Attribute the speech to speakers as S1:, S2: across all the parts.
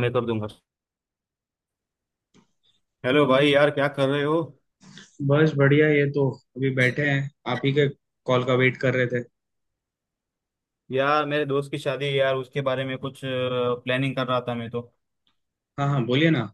S1: मैं कर दूंगा। हेलो भाई यार, क्या कर रहे हो?
S2: बस बढ़िया। ये तो अभी बैठे हैं, आप ही के कॉल का वेट कर रहे थे।
S1: यार मेरे दोस्त की शादी है यार, उसके बारे में कुछ प्लानिंग कर रहा था मैं तो।
S2: हाँ हाँ, बोलिए ना।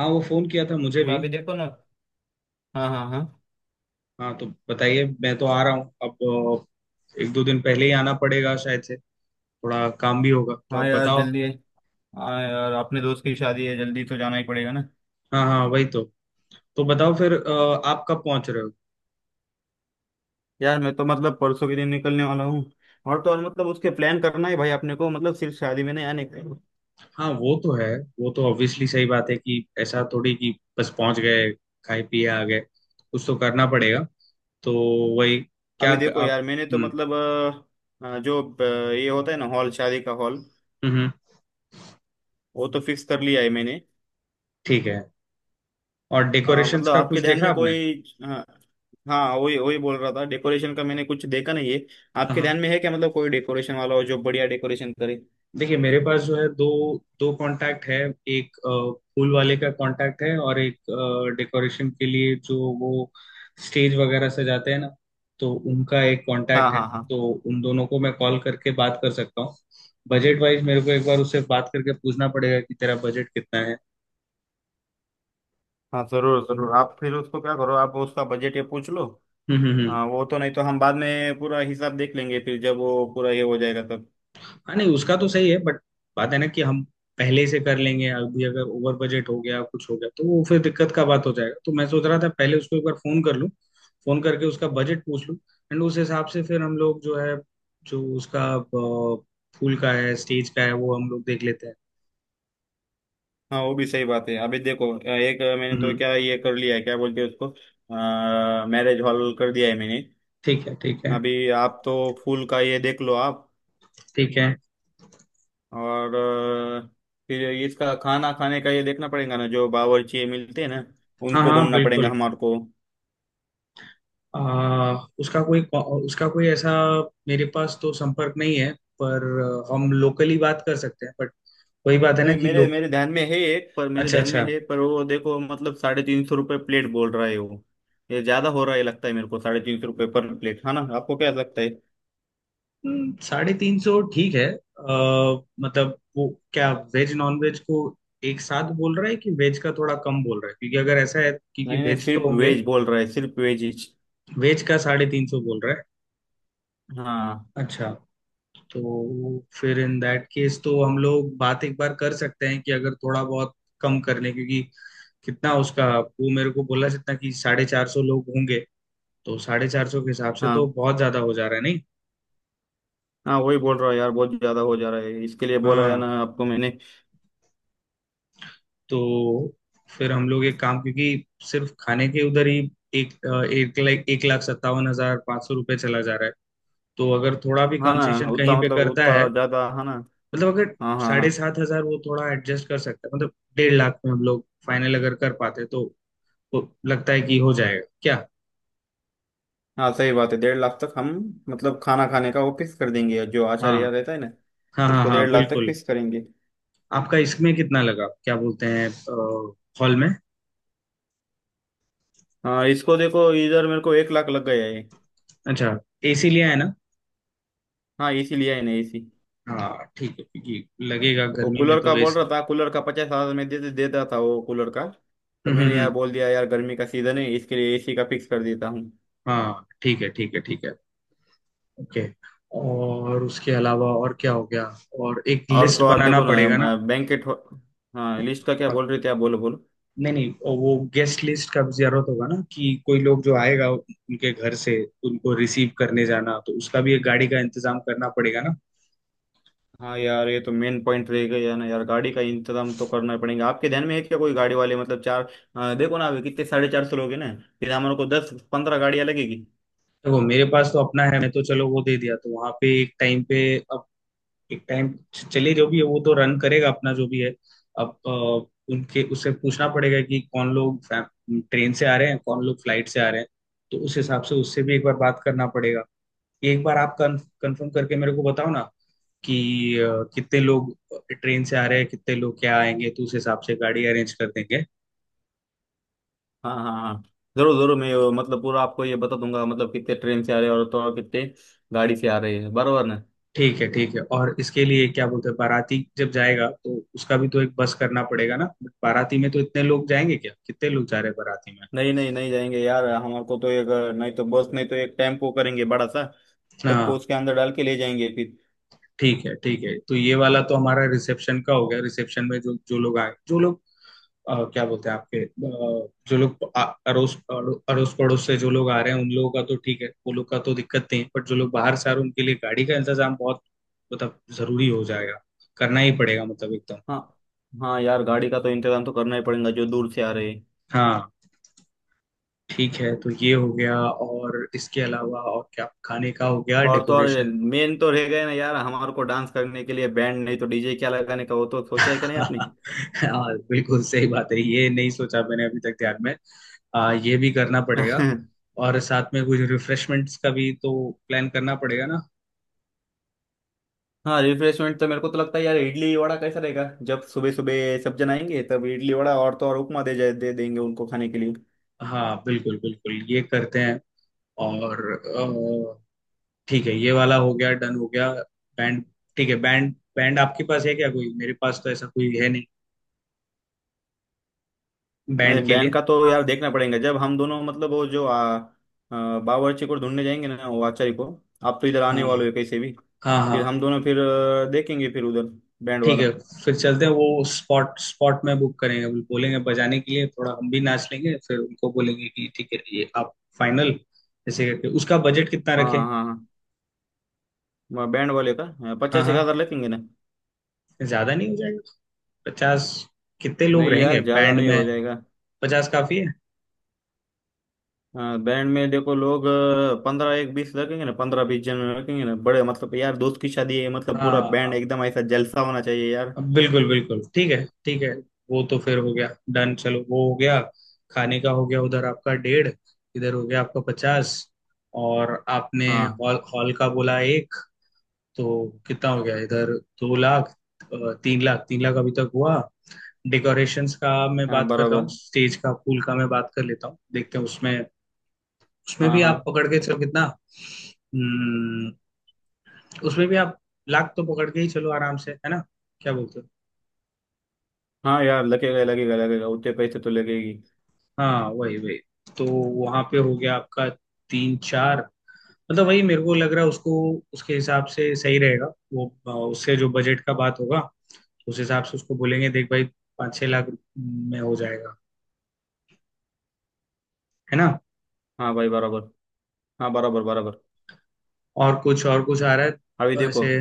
S2: हाँ, वो फोन किया था मुझे
S1: मतलब
S2: भी।
S1: अभी देखो ना। हाँ हाँ हाँ।
S2: हाँ तो बताइए, मैं तो आ रहा हूँ अब। एक दो दिन पहले ही आना पड़ेगा शायद से। थोड़ा काम भी होगा, तो
S1: हाँ
S2: आप
S1: यार
S2: बताओ।
S1: जल्दी है। हाँ यार, अपने दोस्त की शादी है, जल्दी तो जाना ही पड़ेगा ना।
S2: हाँ हाँ, वही तो। तो बताओ फिर, आप कब पहुंच रहे हो।
S1: यार मैं तो मतलब परसों के दिन निकलने वाला हूँ। और तो और मतलब उसके प्लान करना है भाई अपने को, मतलब सिर्फ शादी में नहीं आने का।
S2: हाँ वो तो है। वो तो ऑब्वियसली सही बात है कि ऐसा थोड़ी कि बस पहुंच गए, खाए पिए आ गए। कुछ तो करना पड़ेगा। तो वही, क्या
S1: अभी देखो
S2: आप।
S1: यार, मैंने तो
S2: हम्म
S1: मतलब ये होता है ना, हॉल, शादी का हॉल,
S2: हम्म हम्म,
S1: वो तो फिक्स कर लिया है मैंने।
S2: ठीक है। और
S1: हाँ
S2: डेकोरेशंस
S1: मतलब
S2: का कुछ
S1: आपके ध्यान
S2: देखा
S1: में
S2: आपने।
S1: कोई, हाँ हाँ वही वही बोल रहा था, डेकोरेशन का मैंने कुछ देखा नहीं है।
S2: हाँ
S1: आपके ध्यान
S2: हाँ,
S1: में है क्या मतलब, कोई डेकोरेशन वाला हो जो बढ़िया डेकोरेशन करे।
S2: देखिए मेरे पास जो है, दो दो कांटेक्ट है। एक फूल वाले का कांटेक्ट है, और एक डेकोरेशन के लिए जो वो स्टेज वगैरह सजाते हैं ना, तो उनका एक
S1: हाँ
S2: कांटेक्ट है।
S1: हाँ हाँ।
S2: तो उन दोनों को मैं कॉल करके बात कर सकता हूँ। बजट वाइज मेरे को एक बार उससे बात करके पूछना पड़ेगा कि तेरा बजट कितना है।
S1: हाँ जरूर जरूर, आप फिर उसको क्या करो, आप उसका बजट ये पूछ लो।
S2: हम्म।
S1: हाँ वो तो, नहीं तो हम बाद में पूरा हिसाब देख लेंगे, फिर जब वो पूरा ये हो जाएगा तब।
S2: हाँ नहीं, उसका तो सही है बट बात है ना कि हम पहले से कर लेंगे। अभी अगर ओवर बजट हो गया, कुछ हो गया, तो वो फिर दिक्कत का बात हो जाएगा। तो मैं सोच रहा था पहले उसको एक बार फोन कर लूँ, फोन करके उसका बजट पूछ लूँ। एंड उस हिसाब से फिर हम लोग जो है, जो उसका फूल का है, स्टेज का है, वो हम लोग देख लेते हैं।
S1: हाँ वो भी सही बात है। अभी देखो, एक मैंने तो
S2: हम्म,
S1: क्या ये कर लिया है, क्या बोलते हैं उसको, मैरिज हॉल कर दिया है मैंने।
S2: ठीक है ठीक है
S1: अभी आप तो फूल का ये देख लो आप।
S2: ठीक है।
S1: और अ, फिर इसका खाना खाने का ये देखना पड़ेगा ना, जो बावर्ची मिलते हैं ना,
S2: हाँ
S1: उनको
S2: हाँ
S1: ढूंढना पड़ेगा
S2: बिल्कुल।
S1: हमारे को।
S2: आ, उसका कोई, उसका कोई ऐसा मेरे पास तो संपर्क नहीं है, पर हम लोकली बात कर सकते हैं। बट वही बात है ना
S1: नहीं,
S2: कि
S1: मेरे
S2: लोग।
S1: मेरे ध्यान में है एक, पर मेरे
S2: अच्छा
S1: ध्यान में
S2: अच्छा।
S1: है, पर वो देखो मतलब ₹350 प्लेट बोल रहा है वो। ये ज्यादा हो रहा है लगता है मेरे को। ₹350 पर प्लेट है ना, आपको क्या लगता है?
S2: 350 ठीक है। मतलब वो क्या वेज नॉन वेज को एक साथ बोल रहा है, कि वेज का थोड़ा कम बोल रहा है? क्योंकि अगर ऐसा है, क्योंकि
S1: नहीं नहीं
S2: वेज तो
S1: सिर्फ
S2: होंगे।
S1: वेज बोल रहा है, सिर्फ वेज ही।
S2: वेज का 350 बोल रहा है?
S1: हाँ।
S2: अच्छा। तो फिर इन दैट केस तो हम लोग बात एक बार कर सकते हैं कि अगर थोड़ा बहुत कम कर लें, क्योंकि कितना उसका वो मेरे को बोला जितना कि 450 लोग होंगे। तो 450 के हिसाब से तो
S1: हाँ
S2: बहुत ज्यादा हो जा रहा है नहीं?
S1: हाँ वही बोल रहा है यार, बहुत ज्यादा हो जा रहा है, इसके लिए बोला है ना
S2: हाँ।
S1: आपको मैंने।
S2: तो फिर हम लोग एक काम, क्योंकि सिर्फ खाने के उधर ही एक लाख 1,57,500 रुपये चला जा रहा है। तो अगर थोड़ा भी
S1: हाँ ना
S2: कंसेशन
S1: उतना
S2: कहीं पे
S1: मतलब
S2: करता
S1: उतना
S2: है,
S1: ज्यादा है ना।
S2: मतलब अगर
S1: हाँ हाँ
S2: साढ़े
S1: हाँ।
S2: सात हजार वो थोड़ा एडजस्ट कर सकता है, मतलब 1,50,000 में हम लोग फाइनल अगर कर पाते, तो लगता है कि हो जाएगा क्या।
S1: हाँ सही बात है, 1.5 लाख तक हम, मतलब खाना खाने का वो फिक्स कर देंगे, जो
S2: हाँ
S1: आचार्य रहता है ना,
S2: हाँ हाँ,
S1: उसको
S2: हाँ
S1: 1.5 लाख तक
S2: बिल्कुल।
S1: फिक्स करेंगे।
S2: आपका इसमें कितना लगा, क्या बोलते हैं, हॉल में?
S1: हाँ इसको देखो, इधर मेरे को 1 लाख लग गया है।
S2: अच्छा, एसी लिया है ना।
S1: हाँ एसी लिया है ना, एसी।
S2: हाँ ठीक है, क्योंकि लगेगा
S1: वो
S2: गर्मी में
S1: कूलर
S2: तो
S1: का बोल रहा था, कूलर का 50,000 में दे देता था वो कूलर का, पर मैंने
S2: एसी।
S1: यार बोल दिया, यार गर्मी का सीजन है, इसके लिए एसी का फिक्स कर देता हूँ।
S2: हाँ ठीक है ठीक है ठीक है, ओके। और उसके अलावा और क्या हो गया, और एक
S1: और
S2: लिस्ट
S1: तो और
S2: बनाना
S1: देखो
S2: पड़ेगा ना।
S1: ना बैंकेट। हाँ लिस्ट का क्या बोल रहे थे आप? बोलो बोलो।
S2: नहीं नहीं, वो गेस्ट लिस्ट का भी जरूरत होगा ना, कि कोई लोग जो आएगा उनके घर से, उनको रिसीव करने जाना। तो उसका भी एक गाड़ी का इंतजाम करना पड़ेगा ना।
S1: हाँ यार, ये तो मेन पॉइंट रह गया ना यार, गाड़ी का इंतजाम तो करना ही पड़ेगा। आपके ध्यान में है क्या कोई गाड़ी वाले? मतलब चार, देखो ना, अभी कितने 450 लोग हैं ना, फिर हमारे को 10-15 गाड़ियाँ लगेगी।
S2: देखो मेरे पास तो अपना है, मैं तो चलो वो दे दिया, तो वहां पे एक टाइम पे, एक टाइम, चलिए जो भी है वो तो रन करेगा अपना जो भी है। अब उनके उससे पूछना पड़ेगा कि कौन लोग ट्रेन से आ रहे हैं, कौन लोग फ्लाइट से आ रहे हैं। तो उस हिसाब से उससे भी एक बार बात करना पड़ेगा। एक बार आप कंफर्म करके मेरे को बताओ ना, कि कितने लोग ट्रेन से आ रहे हैं, कितने लोग क्या आएंगे। तो उस हिसाब से गाड़ी अरेंज कर देंगे।
S1: हाँ हाँ हाँ, जरूर जरूर, मैं मतलब पूरा आपको ये बता दूंगा, मतलब कितने ट्रेन से आ रहे हैं और तो और कितने गाड़ी से आ रहे हैं, बराबर ना।
S2: ठीक है ठीक है। और इसके लिए क्या बोलते हैं, बाराती जब जाएगा तो उसका भी तो एक बस करना पड़ेगा ना। बट बाराती में तो इतने लोग जाएंगे क्या, कितने लोग जा रहे हैं बाराती में?
S1: नहीं नहीं, नहीं जाएंगे यार, हमारे को तो एक नहीं तो बस, नहीं तो एक टेम्पो करेंगे बड़ा सा, सबको
S2: हाँ
S1: उसके अंदर डाल के ले जाएंगे फिर।
S2: ठीक है ठीक है। तो ये वाला तो हमारा रिसेप्शन का हो गया। रिसेप्शन में जो जो लोग आए, जो लोग क्या बोलते हैं आपके, अड़ोस पड़ोस से जो लोग आ रहे हैं, उन लोगों का तो ठीक है, वो लोग का तो दिक्कत नहीं है। बट जो लोग बाहर से आ रहे हैं, उनके लिए गाड़ी का इंतजाम बहुत मतलब जरूरी हो जाएगा, करना ही पड़ेगा मतलब एकदम।
S1: हाँ हाँ यार, गाड़ी का तो इंतजाम तो करना ही पड़ेगा, जो दूर से आ रहे हैं।
S2: हाँ ठीक है। तो ये हो गया। और इसके अलावा और क्या, खाने का हो गया,
S1: और तो और
S2: डेकोरेशन।
S1: मेन तो रह गए ना यार, हमारे को डांस करने के लिए बैंड नहीं तो डीजे क्या लगाने का, वो तो सोचा है क्या नहीं आपने?
S2: हाँ बिल्कुल सही बात है, ये नहीं सोचा मैंने अभी तक ध्यान में। ये भी करना पड़ेगा। और साथ में कुछ रिफ्रेशमेंट्स का भी तो प्लान करना पड़ेगा ना।
S1: हाँ रिफ्रेशमेंट तो मेरे को तो लगता है यार, इडली वड़ा कैसा रहेगा, जब सुबह सुबह सब जन आएंगे तब, इडली वड़ा और तो और उपमा दे जाए, दे देंगे उनको खाने के लिए।
S2: हाँ बिल्कुल बिल्कुल, ये करते हैं। और ठीक है ये वाला हो गया, डन हो गया। बैंड, ठीक है, बैंड बैंड आपके पास है क्या कोई? मेरे पास तो ऐसा कोई है नहीं बैंड
S1: नहीं,
S2: के
S1: बैंड
S2: लिए।
S1: का तो यार देखना पड़ेगा, जब हम दोनों मतलब वो जो आ, आ, बावर्ची को ढूंढने जाएंगे ना, वो आचार्य को। आप तो इधर
S2: हाँ
S1: आने वाले हो कैसे भी,
S2: हाँ
S1: फिर
S2: हाँ,
S1: हम दोनों फिर देखेंगे फिर उधर, बैंड
S2: ठीक
S1: वाला।
S2: है। फिर चलते हैं, वो स्पॉट स्पॉट में बुक करेंगे, वो बोलेंगे बजाने के लिए, थोड़ा हम भी नाच लेंगे, फिर उनको बोलेंगे कि ठीक है ये आप फाइनल। ऐसे करके उसका बजट कितना
S1: हाँ
S2: रखें।
S1: हाँ हाँ, बैंड वाले का
S2: हाँ
S1: पचास एक
S2: हाँ,
S1: हजार लेंगे ना।
S2: ज्यादा नहीं हो जाएगा 50? कितने लोग
S1: नहीं
S2: रहेंगे
S1: यार ज्यादा
S2: बैंड
S1: नहीं हो
S2: में,
S1: जाएगा।
S2: 50 काफी है।
S1: बैंड में देखो, लोग पंद्रह एक बीस रखेंगे ना, 15-20 जन रखेंगे ना बड़े, मतलब यार दोस्त की शादी है, मतलब
S2: हाँ
S1: पूरा बैंड
S2: हाँ,
S1: एकदम, ऐसा जलसा होना चाहिए यार।
S2: हाँ, बिल्कुल बिल्कुल ठीक है ठीक है। वो तो फिर हो गया, डन, चलो वो हो गया। खाने का हो गया उधर आपका 1.5 लाख, इधर हो गया आपका 50, और आपने
S1: हाँ
S2: हॉल, हॉल का बोला एक। तो कितना हो गया इधर, 2 लाख, 3 लाख, 3 लाख अभी तक हुआ। डेकोरेशंस का मैं
S1: हाँ
S2: बात कर रहा हूँ,
S1: बराबर।
S2: स्टेज का फूल का मैं बात कर लेता हूँ, देखते हैं उसमें। उसमें
S1: हाँ
S2: भी आप
S1: हाँ
S2: पकड़ के चलो कितना, हम्म, उसमें भी आप लाख तो पकड़ के ही चलो आराम से है ना, क्या बोलते हो।
S1: हाँ यार, लगेगा लगेगा लगेगा, उतने पैसे तो लगेगी।
S2: हाँ वही वही। तो वहां पे हो गया आपका तीन चार, मतलब वही मेरे को लग रहा है उसको, उसके हिसाब से सही रहेगा। वो उससे जो बजट का बात होगा उस हिसाब से उसको बोलेंगे, देख भाई 5-6 लाख में हो जाएगा, है ना।
S1: हाँ भाई बराबर। हाँ बराबर बराबर।
S2: और कुछ आ रहा है
S1: अभी
S2: तो
S1: देखो।
S2: ऐसे।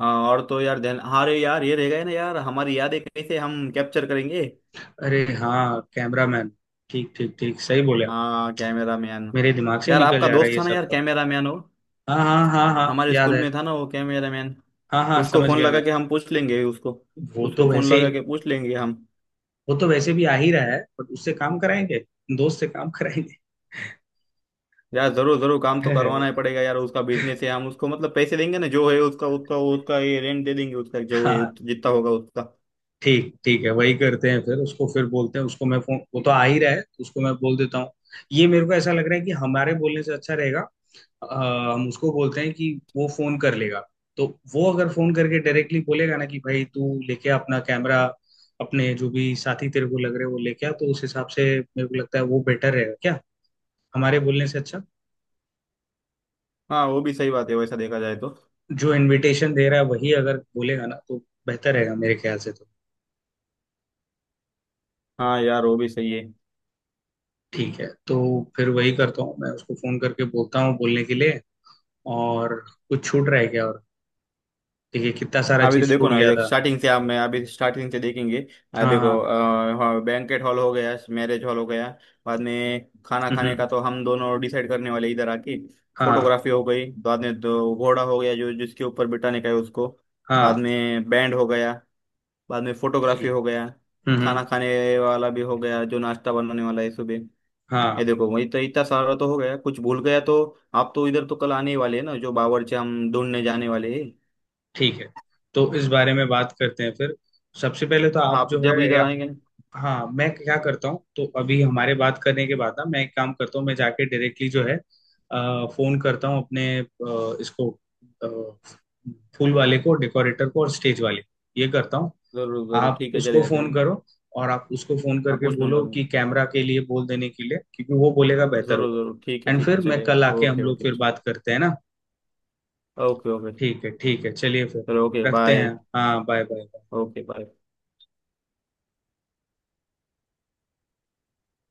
S1: हाँ, और तो यार ध्यान, अरे यार ये रह गए ना यार, हमारी यादें कैसे हम कैप्चर करेंगे?
S2: अरे हाँ, कैमरामैन, ठीक ठीक ठीक, सही बोले आप।
S1: हाँ कैमरा मैन।
S2: मेरे दिमाग से ही
S1: यार
S2: निकल
S1: आपका
S2: जा रहा है
S1: दोस्त
S2: ये
S1: था ना
S2: सब
S1: यार,
S2: तो।
S1: कैमरा मैन हो,
S2: हाँ हाँ हाँ हाँ,
S1: हमारे
S2: याद
S1: स्कूल
S2: है।
S1: में था ना वो कैमरामैन,
S2: हाँ हाँ,
S1: उसको
S2: समझ
S1: फोन
S2: गया
S1: लगा
S2: मैं।
S1: के हम पूछ लेंगे उसको,
S2: वो
S1: उसको
S2: तो
S1: फोन
S2: वैसे
S1: लगा के पूछ लेंगे हम।
S2: वो तो वैसे भी आ ही रहा है, पर उससे काम कराएंगे, दोस्त से काम कराएंगे।
S1: यार जरूर जरूर, काम तो करवाना ही पड़ेगा यार, उसका बिजनेस है, हम उसको मतलब पैसे देंगे ना, जो है उसका उसका उसका, ये रेंट दे देंगे उसका जो है,
S2: हाँ
S1: जितना होगा उसका।
S2: ठीक ठीक है, वही करते हैं। फिर उसको फिर बोलते हैं, उसको मैं फोन, वो तो आ ही रहा है, उसको मैं बोल देता हूँ। ये मेरे को ऐसा लग रहा है कि हमारे बोलने से अच्छा रहेगा। हम उसको बोलते हैं कि वो फोन कर लेगा। तो वो अगर फोन करके डायरेक्टली बोलेगा ना कि भाई तू लेके आ अपना कैमरा, अपने जो भी साथी तेरे को लग रहे हैं वो लेके आ, तो उस हिसाब से मेरे को लगता है वो बेटर रहेगा क्या, हमारे बोलने से अच्छा।
S1: हाँ वो भी सही बात है, वैसा देखा जाए तो।
S2: जो इनविटेशन दे रहा है वही अगर बोलेगा ना, तो बेहतर रहेगा मेरे ख्याल से तो।
S1: हाँ यार वो भी सही है।
S2: ठीक है, तो फिर वही करता हूँ, मैं उसको फोन करके बोलता हूँ बोलने के लिए। और कुछ छूट रहा है क्या और। देखिए कितना सारा
S1: अभी तो
S2: चीज
S1: देखो
S2: छूट
S1: ना, ये
S2: गया
S1: देख
S2: था।
S1: स्टार्टिंग से आप, मैं अभी स्टार्टिंग से देखेंगे।
S2: हाँ हाँ।
S1: देखो, बैंकेट हॉल हो गया, मैरिज हॉल हो गया, बाद में खाना खाने
S2: हम्म।
S1: का तो हम दोनों डिसाइड करने वाले इधर आके।
S2: हाँ।
S1: फोटोग्राफी हो गई, बाद में तो घोड़ा हो गया, जो जिसके ऊपर बिठाने का है उसको। बाद
S2: हाँ।
S1: में बैंड हो गया, बाद में
S2: जी।
S1: फोटोग्राफी हो गया।
S2: हम्म हम्म,
S1: खाना खाने वाला भी हो गया, जो नाश्ता बनाने वाला है सुबह।
S2: हाँ।
S1: ये देखो वही तो, इतना सारा तो हो गया, कुछ भूल गया तो, आप तो इधर तो कल आने ही वाले हैं ना, जो बावर्ची हम ढूंढने जाने वाले हैं।
S2: ठीक है, तो इस बारे में बात करते हैं फिर। सबसे पहले तो आप
S1: आप
S2: जो
S1: जब
S2: है,
S1: इधर
S2: या
S1: आएंगे।
S2: हाँ मैं क्या करता हूँ, तो अभी हमारे बात करने के बाद ना, मैं एक काम करता हूँ, मैं जाके डायरेक्टली जो है, फोन करता हूँ अपने, इसको अ, फूल वाले को, डेकोरेटर को, और स्टेज वाले को। ये करता हूँ।
S1: जरूर जरूर,
S2: आप
S1: ठीक है,
S2: उसको
S1: चलेगा
S2: फोन
S1: चलेगा।
S2: करो, और आप उसको फोन
S1: हाँ
S2: करके
S1: पूछ लूंगा
S2: बोलो
S1: मैं।
S2: कि कैमरा के लिए बोल देने के लिए, क्योंकि वो बोलेगा बेहतर
S1: जरूर
S2: होगा।
S1: जरूर, ठीक है
S2: एंड
S1: ठीक
S2: फिर
S1: है,
S2: मैं
S1: चलेगा।
S2: कल आके हम
S1: ओके
S2: लोग
S1: ओके।
S2: फिर बात करते हैं ना।
S1: Okay okay.
S2: ठीक है ठीक है, चलिए फिर,
S1: चलो ओके
S2: रखते
S1: बाय।
S2: हैं। हाँ बाय बाय।
S1: Okay bye.